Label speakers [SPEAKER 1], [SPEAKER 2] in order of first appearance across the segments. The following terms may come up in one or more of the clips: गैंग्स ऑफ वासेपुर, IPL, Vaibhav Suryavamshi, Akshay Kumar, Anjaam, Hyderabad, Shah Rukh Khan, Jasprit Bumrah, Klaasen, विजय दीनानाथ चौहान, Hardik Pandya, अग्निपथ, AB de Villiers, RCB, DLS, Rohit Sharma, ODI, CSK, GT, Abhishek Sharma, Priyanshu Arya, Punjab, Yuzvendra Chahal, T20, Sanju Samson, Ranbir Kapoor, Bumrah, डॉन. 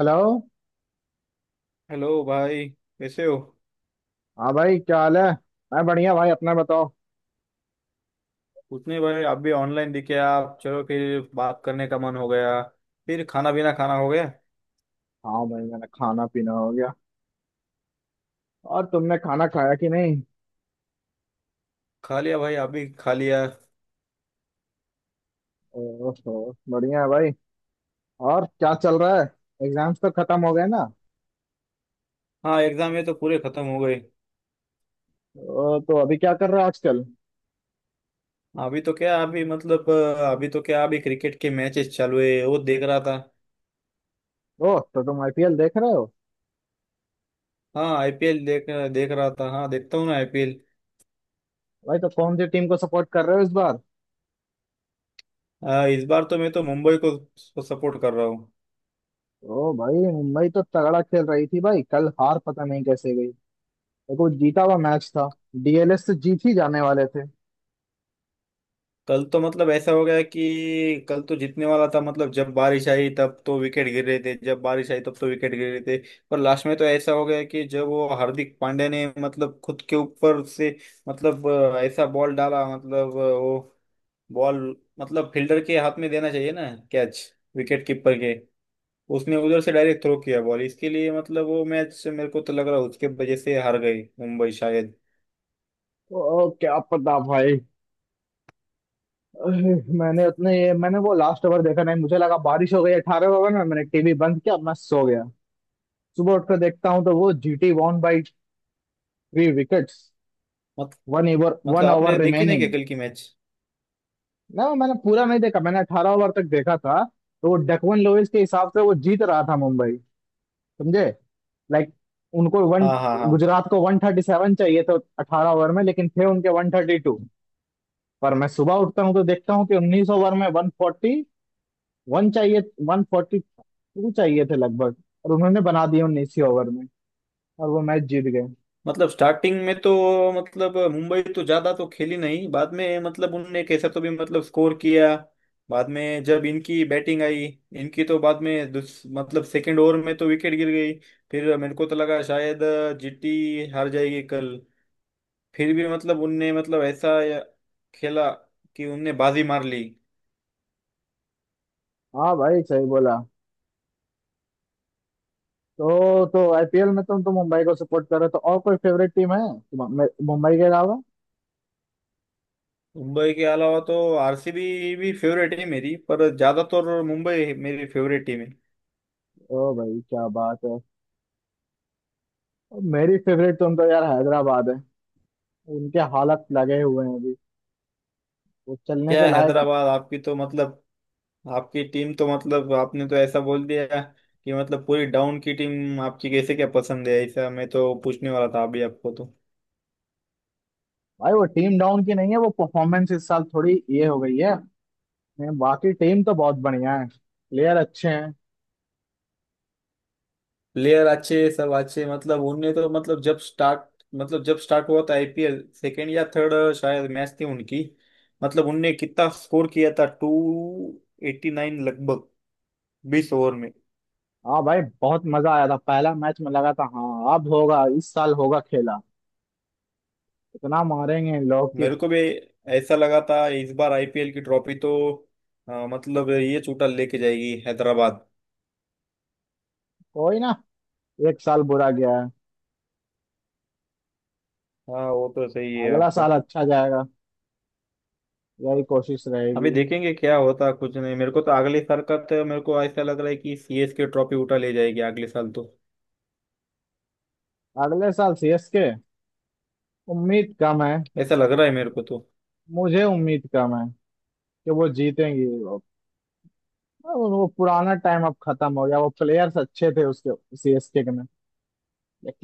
[SPEAKER 1] Hello.
[SPEAKER 2] Hello भाई कैसे हो।
[SPEAKER 1] हाँ भाई, क्या हाल है? मैं बढ़िया भाई, अपना बताओ।
[SPEAKER 2] कुछ नहीं भाई, आप भी ऑनलाइन दिखे। आप चलो फिर बात करने का मन हो गया। फिर खाना पीना खाना हो गया।
[SPEAKER 1] हाँ भाई, मैंने खाना पीना हो गया। और तुमने खाना खाया कि नहीं?
[SPEAKER 2] खा लिया भाई। आप भी खा लिया।
[SPEAKER 1] ओहो, बढ़िया है भाई। और क्या चल रहा है? एग्जाम्स तो खत्म हो गए ना।
[SPEAKER 2] हाँ, एग्जाम ये तो पूरे खत्म हो गए।
[SPEAKER 1] ओ, तो अभी क्या कर रहे हो आजकल?
[SPEAKER 2] अभी तो क्या अभी क्रिकेट के मैचेस चालू है, वो देख रहा था।
[SPEAKER 1] ओ, तो तुम आईपीएल देख रहे हो।
[SPEAKER 2] हाँ, आईपीएल देख देख रहा था। हाँ, देखता हूँ ना आईपीएल।
[SPEAKER 1] भाई तो कौन सी टीम को सपोर्ट कर रहे हो इस बार?
[SPEAKER 2] इस बार तो मैं तो मुंबई को सपोर्ट कर रहा हूँ।
[SPEAKER 1] ओ भाई, मुंबई तो तगड़ा खेल रही थी भाई, कल हार पता नहीं कैसे गई। देखो, जीता हुआ मैच था। डीएलएस से जीत ही जाने वाले थे।
[SPEAKER 2] कल तो मतलब ऐसा हो गया कि कल तो जीतने वाला था। मतलब जब बारिश आई तब तो विकेट गिर रहे थे, जब बारिश आई तब तो विकेट गिर रहे थे। पर लास्ट में तो ऐसा हो गया कि जब वो हार्दिक पांड्या ने मतलब खुद के ऊपर से, मतलब ऐसा बॉल डाला। मतलब वो बॉल मतलब फील्डर के हाथ में देना चाहिए ना। कैच, विकेट कीपर के। उसने उधर से डायरेक्ट थ्रो किया बॉल इसके लिए। मतलब वो मैच मेरे को तो लग रहा है उसके वजह से हार गई मुंबई शायद।
[SPEAKER 1] ओ, क्या पता भाई। अरे, मैंने वो लास्ट ओवर देखा नहीं, मुझे लगा बारिश हो गई। 18 ओवर में मैंने टीवी बंद किया, मैं सो गया। सुबह उठकर देखता हूँ तो वो जीटी वॉन बाई 3 विकेट्स,
[SPEAKER 2] मत,
[SPEAKER 1] 1 ओवर
[SPEAKER 2] मतलब
[SPEAKER 1] वन
[SPEAKER 2] आपने
[SPEAKER 1] ओवर
[SPEAKER 2] देखी नहीं क्या
[SPEAKER 1] रिमेनिंग।
[SPEAKER 2] कल की मैच?
[SPEAKER 1] ना, मैंने पूरा नहीं देखा, मैंने 18 ओवर तक देखा था तो वो डकवन लोइस के हिसाब से वो जीत रहा था मुंबई। समझे। लाइक, उनको वन,
[SPEAKER 2] हाँ, हाँ, हाँ।
[SPEAKER 1] गुजरात को 137 चाहिए तो 18 ओवर में, लेकिन थे उनके 132। पर मैं सुबह उठता हूँ तो देखता हूँ कि 19 ओवर में 141 चाहिए। वन टू चाहिए थे लगभग। और उन्होंने बना दिए 19वीं ओवर में, और वो मैच जीत गए।
[SPEAKER 2] मतलब स्टार्टिंग में तो मतलब मुंबई तो ज्यादा तो खेली नहीं, बाद में मतलब उनने कैसा तो भी मतलब स्कोर किया। बाद में जब इनकी बैटिंग आई, इनकी तो बाद में मतलब सेकंड ओवर में तो विकेट गिर गई। फिर मेरे को तो लगा शायद जीटी हार जाएगी कल। फिर भी मतलब उनने मतलब ऐसा खेला कि उनने बाजी मार ली।
[SPEAKER 1] हाँ भाई, सही बोला। तो आईपीएल में तुम तो मुंबई को सपोर्ट कर रहे हो, तो और कोई फेवरेट टीम है मुंबई के अलावा?
[SPEAKER 2] मुंबई के अलावा तो आरसीबी भी फेवरेट है मेरी, पर ज्यादातर मुंबई मेरी फेवरेट टीम है।
[SPEAKER 1] ओ भाई, क्या बात है। और मेरी फेवरेट तुम तो यार, हैदराबाद है। उनके हालत लगे हुए हैं, वो चलने
[SPEAKER 2] क्या
[SPEAKER 1] के
[SPEAKER 2] है,
[SPEAKER 1] लायक।
[SPEAKER 2] हैदराबाद आपकी तो मतलब, आपकी टीम तो मतलब, आपने तो ऐसा बोल दिया कि मतलब पूरी डाउन की टीम। आपकी कैसे क्या पसंद है, ऐसा मैं तो पूछने वाला था अभी आपको तो।
[SPEAKER 1] भाई वो टीम डाउन की नहीं है, वो परफॉर्मेंस इस साल थोड़ी ये हो गई है। बाकी टीम तो बहुत बढ़िया है, प्लेयर अच्छे हैं।
[SPEAKER 2] प्लेयर अच्छे, सब अच्छे, मतलब उनने तो मतलब जब स्टार्ट, मतलब जब स्टार्ट हुआ था आईपीएल, सेकेंड या थर्ड शायद मैच थी उनकी, मतलब उनने कितना स्कोर किया था, 289 लगभग, 20 ओवर में।
[SPEAKER 1] हाँ भाई, बहुत मजा आया था पहला मैच में, लगा था हाँ अब होगा इस साल, होगा खेला। इतना मारेंगे इन लोग कि।
[SPEAKER 2] मेरे को भी ऐसा लगा था, इस बार आईपीएल की ट्रॉफी तो मतलब ये चूटा लेके जाएगी हैदराबाद।
[SPEAKER 1] कोई ना, एक साल बुरा गया है।
[SPEAKER 2] हाँ, वो तो सही है
[SPEAKER 1] अगला
[SPEAKER 2] आपका।
[SPEAKER 1] साल अच्छा जाएगा, यही कोशिश
[SPEAKER 2] अभी
[SPEAKER 1] रहेगी।
[SPEAKER 2] देखेंगे क्या होता है, कुछ नहीं मेरे को तो अगली सरकत मेरे को ऐसा लग रहा है कि सीएस के ट्रॉफी उठा ले जाएगी अगले साल तो।
[SPEAKER 1] अगले साल सीएसके, उम्मीद कम है।
[SPEAKER 2] ऐसा लग रहा है मेरे को तो।
[SPEAKER 1] मुझे उम्मीद कम है कि वो जीतेंगी। अब वो पुराना टाइम अब खत्म हो गया, वो प्लेयर्स अच्छे थे उसके सीएसके के में।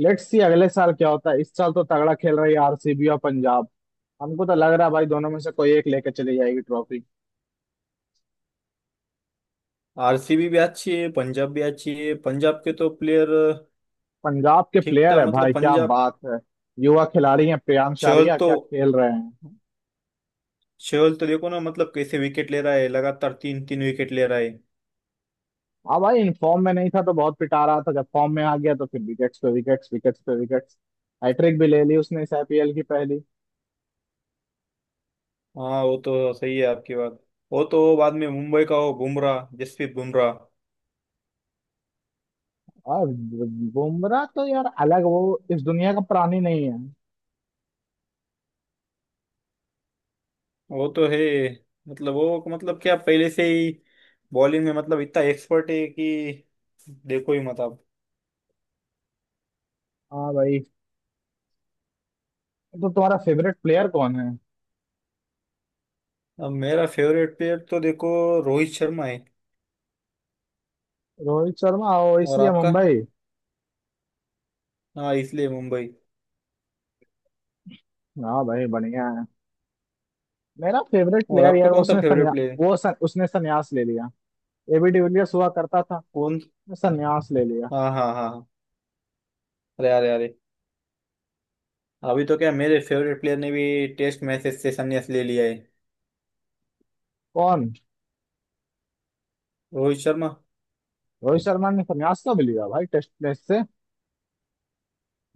[SPEAKER 1] लेट्स सी अगले साल क्या होता है। इस साल तो तगड़ा खेल रही है आरसीबी और पंजाब। हमको तो लग रहा है भाई, दोनों में से कोई एक लेके चली जाएगी ट्रॉफी।
[SPEAKER 2] आरसीबी भी अच्छी है, पंजाब भी अच्छी है, पंजाब के तो प्लेयर
[SPEAKER 1] पंजाब के
[SPEAKER 2] ठीक
[SPEAKER 1] प्लेयर
[SPEAKER 2] ठाक,
[SPEAKER 1] है
[SPEAKER 2] मतलब
[SPEAKER 1] भाई, क्या
[SPEAKER 2] पंजाब।
[SPEAKER 1] बात है। युवा खिलाड़ी हैं, प्रियांश
[SPEAKER 2] चहल
[SPEAKER 1] आर्या
[SPEAKER 2] तो,
[SPEAKER 1] क्या खेल रहे हैं।
[SPEAKER 2] चहल तो देखो ना मतलब कैसे विकेट ले रहा है, लगातार तीन तीन विकेट ले रहा है।
[SPEAKER 1] हाँ भाई, इन फॉर्म में नहीं था तो बहुत पिटा रहा था, जब फॉर्म में आ गया तो फिर विकेट्स पे विकेट्स, विकेट्स पे विकेट्स। हैट्रिक भी ले ली उसने, इस आईपीएल की पहली।
[SPEAKER 2] हाँ, वो तो सही है आपकी बात। वो तो बाद में मुंबई का हो, बुमराह, जसप्रीत बुमराह।
[SPEAKER 1] और बुमराह तो यार अलग, वो इस दुनिया का प्राणी नहीं है।
[SPEAKER 2] वो तो है, मतलब वो मतलब क्या पहले से ही बॉलिंग में मतलब इतना एक्सपर्ट है कि देखो ही मत आप।
[SPEAKER 1] हाँ भाई, तो तुम्हारा फेवरेट प्लेयर कौन है?
[SPEAKER 2] अब मेरा फेवरेट प्लेयर तो देखो, रोहित शर्मा है।
[SPEAKER 1] रोहित शर्मा? ओ,
[SPEAKER 2] और
[SPEAKER 1] इसलिए
[SPEAKER 2] आपका?
[SPEAKER 1] मुंबई।
[SPEAKER 2] हाँ, इसलिए मुंबई।
[SPEAKER 1] हाँ भाई, बढ़िया है। मेरा फेवरेट
[SPEAKER 2] और
[SPEAKER 1] प्लेयर
[SPEAKER 2] आपका
[SPEAKER 1] यार,
[SPEAKER 2] कौन सा फेवरेट प्लेयर है?
[SPEAKER 1] उसने सन्यास ले लिया। एबी डिविलियर्स हुआ करता था,
[SPEAKER 2] कौन?
[SPEAKER 1] सन्यास ले लिया।
[SPEAKER 2] हाँ, हाँ, हाँ, हाँ। अरे, अरे, अरे। अभी तो क्या, मेरे फेवरेट प्लेयर ने भी टेस्ट मैचेस से संन्यास ले लिया है।
[SPEAKER 1] कौन?
[SPEAKER 2] रोहित शर्मा।
[SPEAKER 1] रोहित शर्मा ने सन्यास कब लिया भाई, टेस्ट मैच से?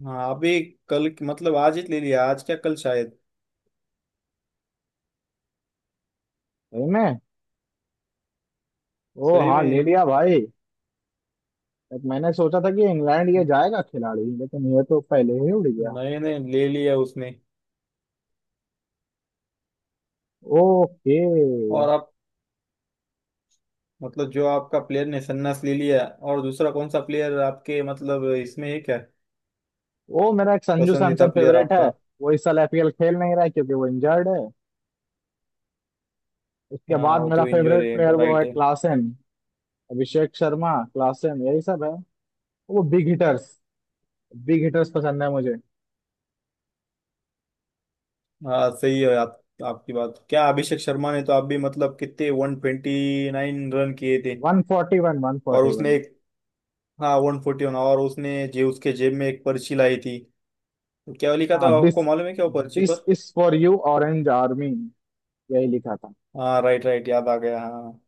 [SPEAKER 2] हाँ, अभी कल, मतलब आज ही ले लिया, आज क्या कल शायद।
[SPEAKER 1] सही में? ओ
[SPEAKER 2] सही
[SPEAKER 1] हाँ,
[SPEAKER 2] में।
[SPEAKER 1] ले लिया भाई। लाइक, मैंने सोचा था कि इंग्लैंड ये
[SPEAKER 2] हाँ,
[SPEAKER 1] जाएगा खिलाड़ी, लेकिन ये तो पहले ही उड़ गया।
[SPEAKER 2] नहीं नहीं, ले लिया उसने।
[SPEAKER 1] ओके।
[SPEAKER 2] और आप मतलब जो आपका प्लेयर ने सन्नास ले लिया, और दूसरा कौन सा प्लेयर आपके मतलब इसमें है क्या?
[SPEAKER 1] वो मेरा एक संजू
[SPEAKER 2] पसंदीदा
[SPEAKER 1] सैमसन
[SPEAKER 2] प्लेयर
[SPEAKER 1] फेवरेट है।
[SPEAKER 2] आपका?
[SPEAKER 1] वो इस साल एपीएल खेल नहीं रहा है क्योंकि वो इंजर्ड है। उसके
[SPEAKER 2] हाँ,
[SPEAKER 1] बाद
[SPEAKER 2] वो
[SPEAKER 1] मेरा
[SPEAKER 2] तो इंजोर
[SPEAKER 1] फेवरेट
[SPEAKER 2] है,
[SPEAKER 1] प्लेयर वो है
[SPEAKER 2] राइट है।
[SPEAKER 1] क्लासेन। अभिषेक शर्मा, क्लासेन, यही सब है। वो बिग हिटर्स, बिग हिटर्स पसंद है मुझे।
[SPEAKER 2] हाँ, सही है आप। आपकी बात क्या, अभिषेक शर्मा ने तो आप भी मतलब कितने 129 रन किए थे।
[SPEAKER 1] 141,
[SPEAKER 2] और
[SPEAKER 1] 141।
[SPEAKER 2] उसने एक हाँ 141, और उसने जे उसके जेब में एक पर्ची लाई थी। क्या लिखा था
[SPEAKER 1] हाँ,
[SPEAKER 2] आपको
[SPEAKER 1] दिस
[SPEAKER 2] मालूम है, क्या वो पर्ची
[SPEAKER 1] दिस
[SPEAKER 2] पर?
[SPEAKER 1] Is for you orange army. यही लिखा था।
[SPEAKER 2] हाँ, राइट, राइट, याद आ गया हाँ।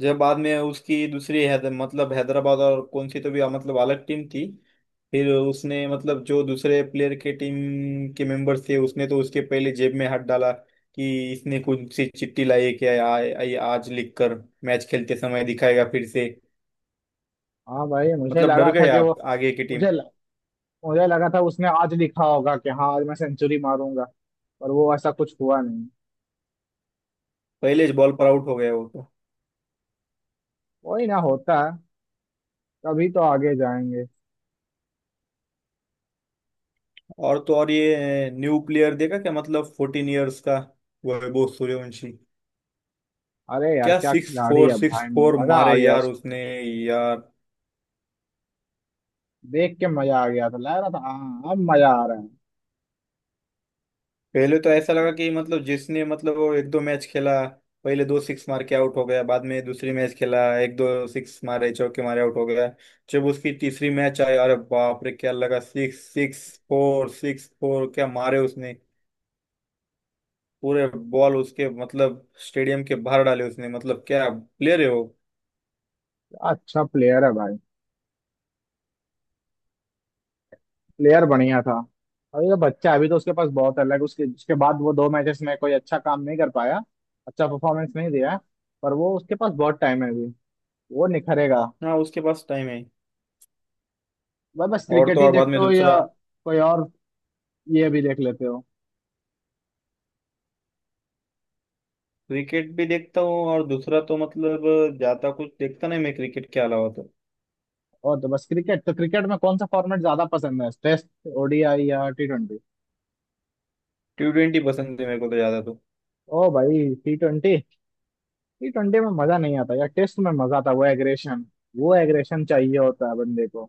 [SPEAKER 2] जब बाद में उसकी दूसरी मतलब हैदराबाद और कौन सी तो भी मतलब अलग टीम थी। फिर उसने मतलब जो दूसरे प्लेयर के टीम के मेंबर थे, उसने तो उसके पहले जेब में हाथ डाला कि इसने कौन सी चिट्ठी लाई है क्या? आ, आ, आज लिखकर मैच खेलते समय दिखाएगा फिर से।
[SPEAKER 1] हाँ भाई, मुझे
[SPEAKER 2] मतलब डर
[SPEAKER 1] लगा
[SPEAKER 2] गए
[SPEAKER 1] था कि वो,
[SPEAKER 2] आप आगे की टीम।
[SPEAKER 1] मुझे मुझे लगा था उसने आज लिखा होगा कि हाँ आज मैं सेंचुरी मारूंगा। पर वो ऐसा कुछ हुआ नहीं।
[SPEAKER 2] पहले बॉल पर आउट हो गया वो तो।
[SPEAKER 1] वही ना होता है, कभी तो आगे जाएंगे।
[SPEAKER 2] और तो और, ये न्यू प्लेयर देखा क्या, मतलब 14 इयर्स का, वैभव सूर्यवंशी।
[SPEAKER 1] अरे यार,
[SPEAKER 2] क्या
[SPEAKER 1] क्या खिलाड़ी है
[SPEAKER 2] सिक्स
[SPEAKER 1] भाई।
[SPEAKER 2] फोर
[SPEAKER 1] मजा आ
[SPEAKER 2] मारे
[SPEAKER 1] गया,
[SPEAKER 2] यार
[SPEAKER 1] उस
[SPEAKER 2] उसने यार।
[SPEAKER 1] देख के मजा आ गया था, लग रहा था हाँ अब मजा आ रहा है।
[SPEAKER 2] पहले तो ऐसा
[SPEAKER 1] बहुत
[SPEAKER 2] लगा कि मतलब जिसने मतलब वो एक दो मैच खेला, पहले दो सिक्स मार के आउट हो गया, बाद में दूसरी मैच खेला, एक दो सिक्स मारे, चौके मारे, आउट हो गया। जब उसकी तीसरी मैच आई, अरे बाप रे क्या लगा, सिक्स सिक्स फोर क्या मारे उसने, पूरे बॉल उसके मतलब स्टेडियम के बाहर डाले उसने। मतलब क्या प्लेयर है वो।
[SPEAKER 1] अच्छा प्लेयर है भाई, प्लेयर बढ़िया था। अभी तो बच्चा है, अभी तो उसके पास बहुत है। लाइक उसके उसके बाद वो दो मैचेस में कोई अच्छा काम नहीं कर पाया, अच्छा परफॉर्मेंस नहीं दिया। पर वो, उसके पास बहुत टाइम है अभी, वो निखरेगा।
[SPEAKER 2] हाँ, उसके पास टाइम है।
[SPEAKER 1] भाई बस
[SPEAKER 2] और
[SPEAKER 1] क्रिकेट
[SPEAKER 2] तो
[SPEAKER 1] ही
[SPEAKER 2] और बाद
[SPEAKER 1] देखते
[SPEAKER 2] में
[SPEAKER 1] हो
[SPEAKER 2] दूसरा,
[SPEAKER 1] या कोई और ये भी देख लेते हो?
[SPEAKER 2] क्रिकेट भी देखता हूँ, और दूसरा तो मतलब ज्यादा कुछ देखता नहीं मैं क्रिकेट के अलावा तो।
[SPEAKER 1] और तो बस क्रिकेट, तो क्रिकेट में कौन सा फॉर्मेट ज्यादा पसंद है? टेस्ट, ओडीआई या टी ट्वेंटी?
[SPEAKER 2] T20 पसंद है मेरे को तो ज्यादा तो।
[SPEAKER 1] ओ भाई, टी ट्वेंटी? टी ट्वेंटी में मजा नहीं आता यार, टेस्ट में मजा आता, वो एग्रेशन, वो एग्रेशन चाहिए होता है बंदे को।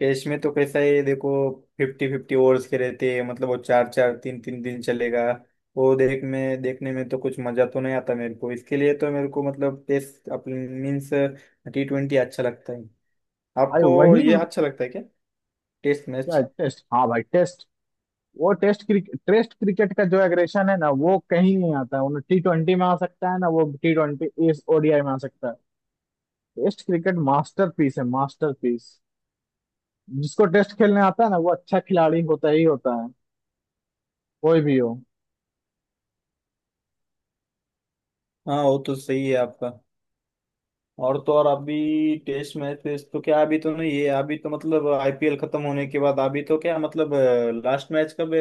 [SPEAKER 2] कैश में तो कैसा है देखो, 50-50 ओवर्स के रहते हैं, मतलब वो चार चार तीन तीन दिन चलेगा, वो देख में देखने में तो कुछ मजा तो नहीं आता मेरे को, इसके लिए तो मेरे को मतलब टेस्ट अपने मीन्स T20 अच्छा लगता है।
[SPEAKER 1] अरे
[SPEAKER 2] आपको ये अच्छा लगता है क्या, टेस्ट
[SPEAKER 1] क्या,
[SPEAKER 2] मैच?
[SPEAKER 1] टेस्ट? हाँ भाई, टेस्ट। वो टेस्ट क्रिकेट, टेस्ट क्रिकेट का जो एग्रेशन है ना वो कहीं नहीं आता है, वो टी ट्वेंटी में आ सकता है ना, वो टी ट्वेंटी इस ओडीआई में आ सकता है। टेस्ट क्रिकेट मास्टरपीस है, मास्टरपीस। जिसको टेस्ट खेलने आता है ना वो अच्छा खिलाड़ी होता ही होता है, कोई भी हो।
[SPEAKER 2] हाँ, वो तो सही है आपका। और तो और, अभी टेस्ट मैच वेस्ट तो क्या अभी तो नहीं है, अभी तो मतलब आईपीएल खत्म होने के बाद अभी तो क्या मतलब। लास्ट मैच कब है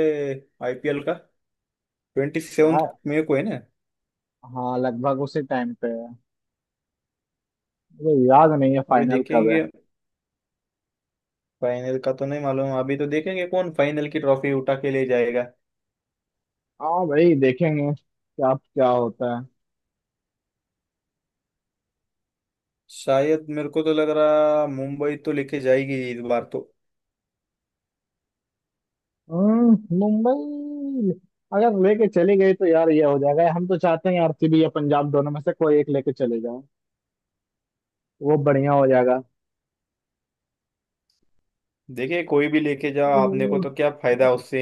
[SPEAKER 2] आईपीएल का, 27 मई को है ना?
[SPEAKER 1] हाँ, लगभग उसी टाइम पे है, मुझे याद नहीं है
[SPEAKER 2] अभी
[SPEAKER 1] फाइनल कब है।
[SPEAKER 2] देखेंगे, फाइनल का तो नहीं मालूम, अभी तो देखेंगे कौन फाइनल की ट्रॉफी उठा के ले जाएगा।
[SPEAKER 1] हाँ भाई, देखेंगे क्या क्या होता है।
[SPEAKER 2] शायद मेरे को तो लग रहा, मुंबई तो लेके जाएगी इस बार तो।
[SPEAKER 1] मुंबई अगर लेके चली गई तो यार ये हो जाएगा, हम तो चाहते हैं आरसीबी या पंजाब दोनों में से कोई एक लेके चले जाए, वो बढ़िया हो जाएगा।
[SPEAKER 2] देखिए कोई भी लेके जाओ, आपने को
[SPEAKER 1] हम्म,
[SPEAKER 2] तो क्या फायदा उससे।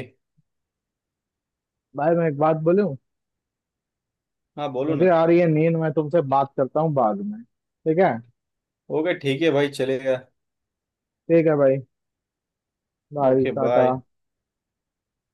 [SPEAKER 1] भाई मैं एक बात बोलूं?
[SPEAKER 2] हाँ, बोलो
[SPEAKER 1] मुझे
[SPEAKER 2] ना।
[SPEAKER 1] आ रही है नींद, मैं तुमसे बात करता हूँ बाद में, ठीक है?
[SPEAKER 2] ओके, ठीक है भाई, चलेगा।
[SPEAKER 1] ठीक है भाई, बाय
[SPEAKER 2] ओके,
[SPEAKER 1] टाटा।
[SPEAKER 2] बाय।